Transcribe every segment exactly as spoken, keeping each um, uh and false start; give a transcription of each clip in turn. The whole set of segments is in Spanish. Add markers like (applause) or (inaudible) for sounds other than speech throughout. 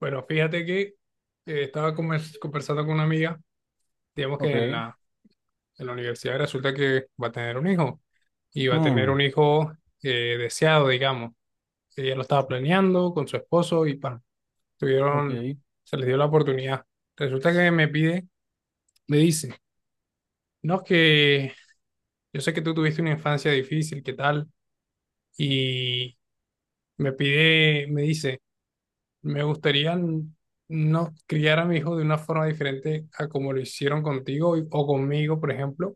Bueno, fíjate que eh, estaba convers- conversando con una amiga, digamos que en Ok. la, en la universidad. Resulta que va a tener un hijo y va a tener un Mm, hijo eh, deseado, digamos. Ella lo estaba planeando con su esposo y pa, tuvieron, ok. se les dio la oportunidad. Resulta que me pide, me dice, no, es que yo sé que tú tuviste una infancia difícil, ¿qué tal? Y me pide, me dice, me gustaría n- no criar a mi hijo de una forma diferente a como lo hicieron contigo y- o conmigo, por ejemplo.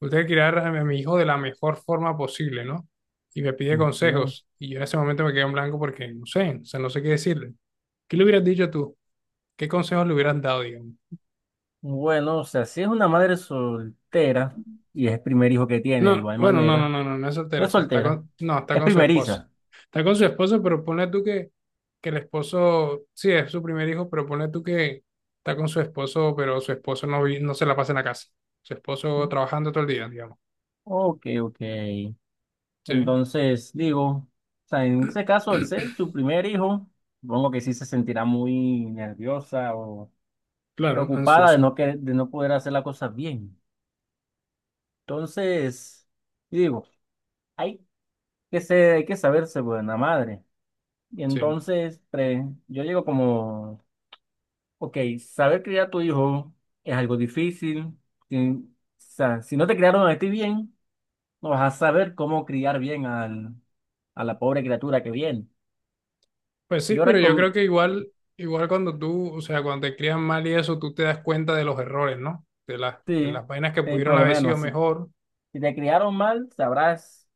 Me gustaría criar a mi a mi hijo de la mejor forma posible, ¿no? Y me pide Ok. consejos. Y yo en ese momento me quedé en blanco porque no sé, o sea, no sé qué decirle. ¿Qué le hubieras dicho tú? ¿Qué consejos le hubieras dado, digamos? Bueno, o sea, si es una madre soltera y es el primer hijo que tiene, de No, igual bueno, no, no, manera, no, no, no es no soltera, o es sea, está soltera, con, no, está es con su esposo. primeriza. Está con su esposo, pero ponle tú que, que el esposo, sí, es su primer hijo, pero ponle tú que está con su esposo, pero su esposo no, vi- no se la pasa en la casa. Su esposo trabajando todo el día, digamos. Ok, ok. Sí, Entonces, digo, o sea, en ese caso, al ser (clears throat) su primer hijo, supongo que sí se sentirá muy nerviosa o claro, preocupada de ansioso. no, que, de no poder hacer las cosas bien. Entonces, digo, hay que ser, hay que saberse buena madre. Y Sí. entonces, pre- yo llego como, ok, saber criar a tu hijo es algo difícil. Si, o sea, si no te criaron a ti bien, no vas a saber cómo criar bien al, a la pobre criatura que viene. Pues sí, Yo pero yo creo recomiendo, que igual, igual cuando tú, o sea, cuando te crían mal y eso, tú te das cuenta de los errores, ¿no? De las, de sí, las vainas que sí, pudieron por lo haber sido menos, si, mejor, si te criaron mal, sabrás,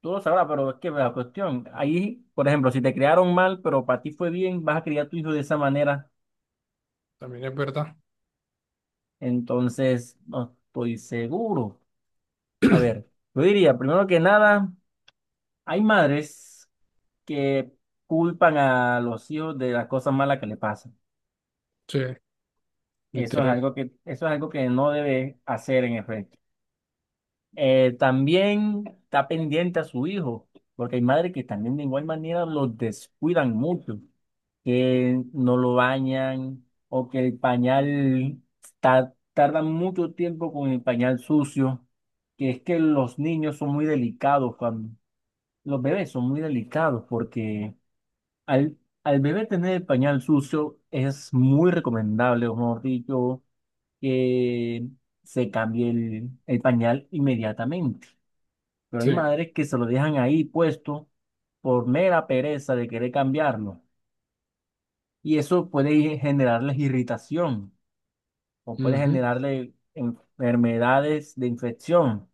tú lo sabrás, pero es que la cuestión, ahí, por ejemplo, si te criaron mal, pero para ti fue bien, vas a criar a tu hijo de esa manera, también es verdad. entonces no estoy seguro. A ver, yo diría, primero que nada, hay madres que culpan a los hijos de las cosas malas que le pasan. Sí, Eso es literal. algo que, eso es algo que no debe hacer en efecto. Eh, también está pendiente a su hijo, porque hay madres que también de igual manera los descuidan mucho, que no lo bañan o que el pañal ta- tardan mucho tiempo con el pañal sucio, que es que los niños son muy delicados cuando los bebés son muy delicados porque al, al bebé tener el pañal sucio, es muy recomendable, o mejor dicho, que se cambie el, el pañal inmediatamente. Pero hay Sí. madres que se lo dejan ahí puesto por mera pereza de querer cambiarlo. Y eso puede generarles irritación o puede Ujú. generarle enfermedades de infección.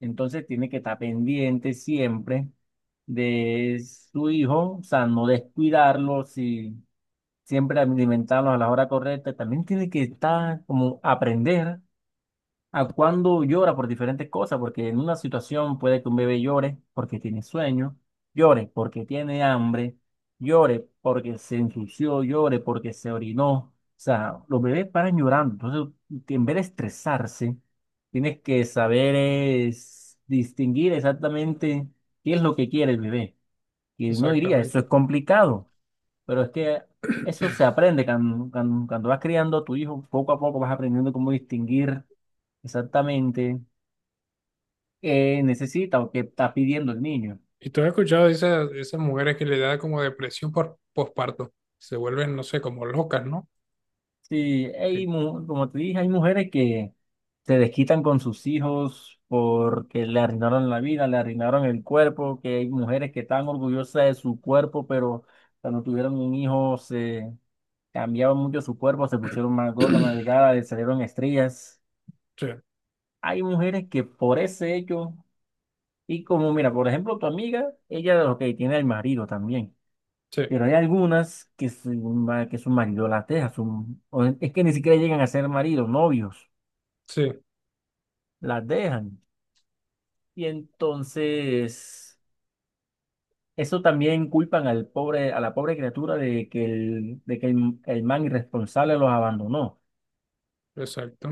Entonces tiene que estar pendiente siempre de su hijo, o sea, no descuidarlo si siempre alimentarlos a la hora correcta, también tiene que estar como aprender a cuándo llora por diferentes cosas, porque en una situación puede que un bebé llore porque tiene sueño, llore porque tiene hambre, llore porque se ensució, llore porque se orinó. O sea, los bebés paran llorando, entonces en vez de estresarse, tienes que saber es distinguir exactamente qué es lo que quiere el bebé. Y uno diría, eso es Exactamente. complicado. Pero es que eso se aprende cuando, cuando, cuando vas criando a tu hijo, poco a poco vas aprendiendo cómo distinguir exactamente qué necesita o qué está pidiendo el niño. ¿Y tú has escuchado de esas, de esas mujeres que le da como depresión por posparto? Se vuelven, no sé, como locas, ¿no? Sí, Que- hay, mu- como te dije, hay mujeres que se desquitan con sus hijos porque le arruinaron la vida, le arruinaron el cuerpo, que hay mujeres que están orgullosas de su cuerpo, pero cuando tuvieron un hijo se cambiaban mucho su cuerpo, se pusieron más gorda más (clears throat) delgada le salieron estrellas. Sí, Hay mujeres que por ese hecho y como, mira, por ejemplo, tu amiga, ella, ok, tiene el marido también, sí, pero hay algunas que su, ma- que su marido las deja, su- o es que ni siquiera llegan a ser maridos, novios, sí, las dejan. Y entonces, eso también culpan al pobre, a la pobre criatura de que el, de que el, el man irresponsable los abandonó. exacto.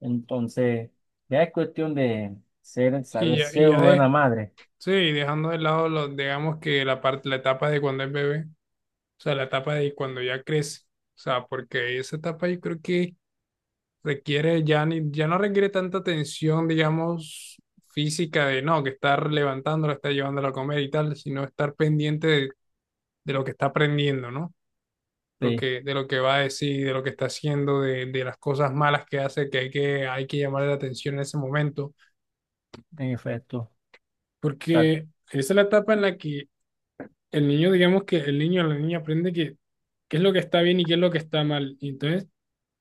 Entonces, ya es cuestión de ser, Y saber ya, y ser ya buena de, madre. sí, dejando de lado, los, digamos que la parte, la etapa de cuando es bebé, o sea, la etapa de cuando ya crece, o sea, porque esa etapa yo creo que requiere, ya, ni, ya no requiere tanta atención, digamos, física de, no, que estar levantándolo, estar llevándolo a comer y tal, sino estar pendiente de de lo que está aprendiendo, ¿no? Lo Sí, que, de lo que va a decir, de lo que está haciendo, de, de las cosas malas que hace, que hay que, hay que llamar la atención en ese momento, en efecto. porque esa es la etapa en la que el niño, digamos que el niño o la niña aprende que qué es lo que está bien y qué es lo que está mal. Y entonces,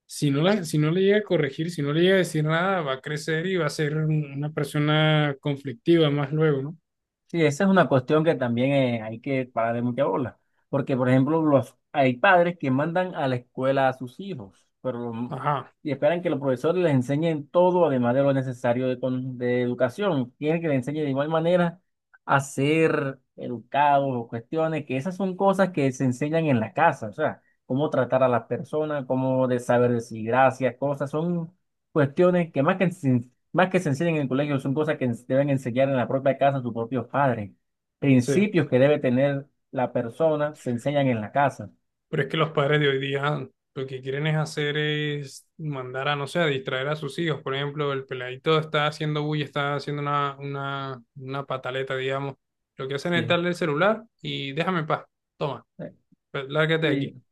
si no, la, si no le llega a corregir, si no le llega a decir nada, va a crecer y va a ser un- una persona conflictiva más luego, ¿no? Sí, esa es una cuestión que también eh, hay que parar de mucha bola, porque por ejemplo los, hay padres que mandan a la escuela a sus hijos, pero lo- Ajá, y esperan que los profesores les enseñen todo, además de lo necesario de, con- de educación. Quieren que les enseñe de igual manera a ser educados o cuestiones, que esas son cosas que se enseñan en la casa, o sea, cómo tratar a las personas, cómo de saber decir gracias, cosas, son cuestiones que más que se más que se enseñan en el colegio, son cosas que ens- deben enseñar en la propia casa a sus propios padres. sí. Principios que debe tener la persona se enseñan en la casa. Pero es que los padres de hoy día lo que quieren es hacer es mandar a, no sé, a distraer a sus hijos. Por ejemplo, el peladito está haciendo bulla, está haciendo una, una, una pataleta, digamos. Lo que hacen es Sí, darle el celular y déjame en paz. Toma, eh, pues, lárgate de aquí. sí,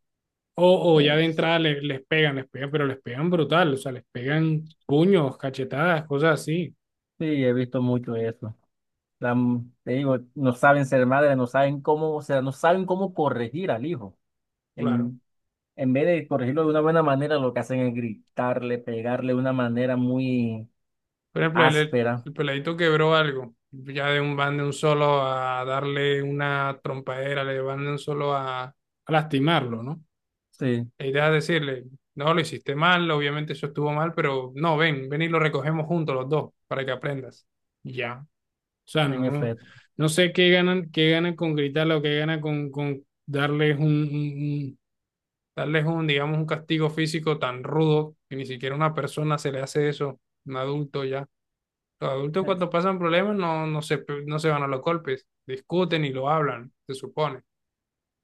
O, o ya eh, de sí, entrada le- les pegan, les pegan, pero les pegan brutal, o sea, les pegan puños, cachetadas, cosas así. he visto mucho eso. La m- te digo, no saben ser madres, no saben cómo, o sea, no saben cómo corregir al hijo. Claro. En, en vez de corregirlo de una buena manera, lo que hacen es gritarle, pegarle de una manera muy Por ejemplo, el, áspera. el peladito quebró algo. Ya de un van de un solo a darle una trompadera, le van de un solo a, a lastimarlo, ¿no? Sí, La idea es decirle, no, lo hiciste mal, obviamente eso estuvo mal, pero no, ven, ven y lo recogemos juntos los dos para que aprendas. Y ya. O sea, no, en no, efecto. no sé qué ganan, qué ganan con gritarle o qué ganan con, con darles un, un- un- darles un, digamos, un castigo físico tan rudo que ni siquiera a una persona se le hace eso, un adulto ya. Los adultos Eh, cuando pasan problemas no, no se, pe- no se van a los golpes, discuten y lo hablan, se supone.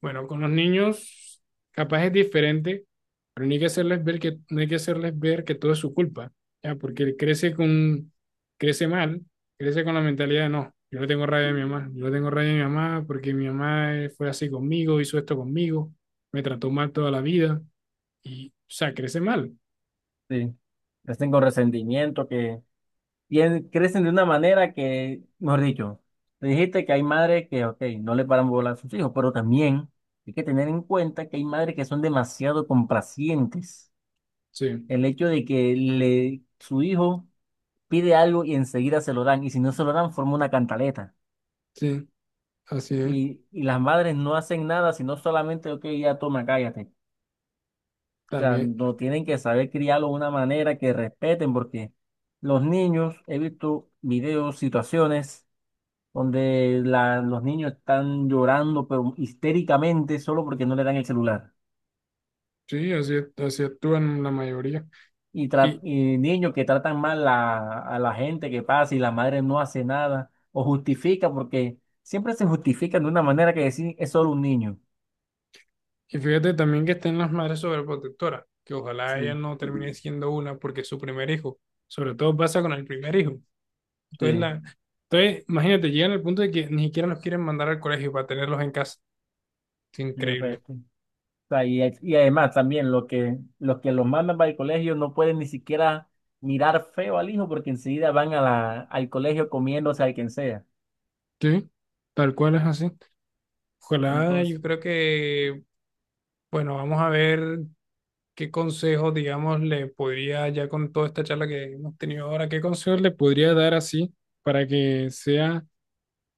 Bueno, con los niños capaz es diferente, pero no hay que hacerles ver que, no hay que hacerles ver que todo es su culpa, ya, porque él crece con, crece mal, crece con la mentalidad de no, yo le tengo rabia a mi mamá, yo le tengo rabia a mi mamá porque mi mamá eh, fue así conmigo, hizo esto conmigo, me trató mal toda la vida, y, o sea, crece mal, Sí. Estén con resentimiento, que tien- crecen de una manera que, mejor dicho, te dijiste que hay madres que, ok, no le paran bola a sus hijos, pero también hay que tener en cuenta que hay madres que son demasiado complacientes. sí. El hecho de que le, su hijo pide algo y enseguida se lo dan, y si no se lo dan, forma una cantaleta. Sí, así es. Y, y las madres no hacen nada, sino solamente, ok, ya toma, cállate. O sea, También. no tienen que saber criarlo de una manera que respeten, porque los niños, he visto videos, situaciones donde la- los niños están llorando, pero histéricamente, solo porque no le dan el celular. Sí, así, así actúan la mayoría. Y, tra- Y, y niños que tratan mal a, a la gente que pasa y la madre no hace nada, o justifica, porque siempre se justifican de una manera que decir, es solo un niño. y fíjate también que están las madres sobreprotectoras, que ojalá ella Sí, no termine siendo una porque es su primer hijo. Sobre todo pasa con el primer hijo. Entonces, sí, la, entonces imagínate, llegan al punto de que ni siquiera los quieren mandar al colegio para tenerlos en casa. Es en increíble. efecto. O sea, y, y además también los que, los que los mandan para el colegio no pueden ni siquiera mirar feo al hijo porque enseguida van a la, al colegio comiéndose al quien sea. Sí, tal cual es así. Ojalá, Entonces, yo creo que, bueno, vamos a ver qué consejos, digamos, le podría, ya con toda esta charla que hemos tenido ahora, qué consejos le podría dar así para que sea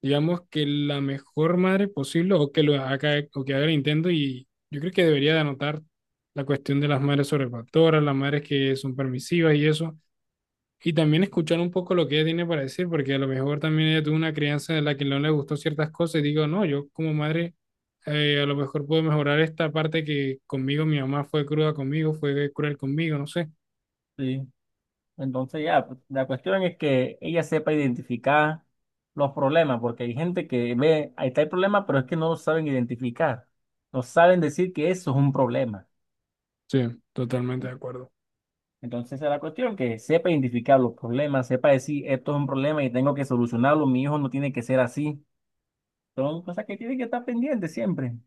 digamos que la mejor madre posible o que lo haga o que haga el intento, y yo creo que debería de anotar la cuestión de las madres sobrefactoras, las madres que son permisivas y eso, y también escuchar un poco lo que ella tiene para decir, porque a lo mejor también ella tuvo una crianza de la que no le gustó ciertas cosas y digo, no, yo como madre eh, a lo mejor puedo mejorar esta parte que conmigo mi mamá fue cruda conmigo, fue cruel conmigo, no sé. sí. Entonces ya, pues, la cuestión es que ella sepa identificar los problemas, porque hay gente que ve, ahí está el problema, pero es que no lo saben identificar, no saben decir que eso es un problema. Sí, totalmente de acuerdo. Entonces esa es la cuestión, que sepa identificar los problemas, sepa decir, esto es un problema y tengo que solucionarlo, mi hijo no tiene que ser así. Son cosas que tienen que estar pendientes siempre.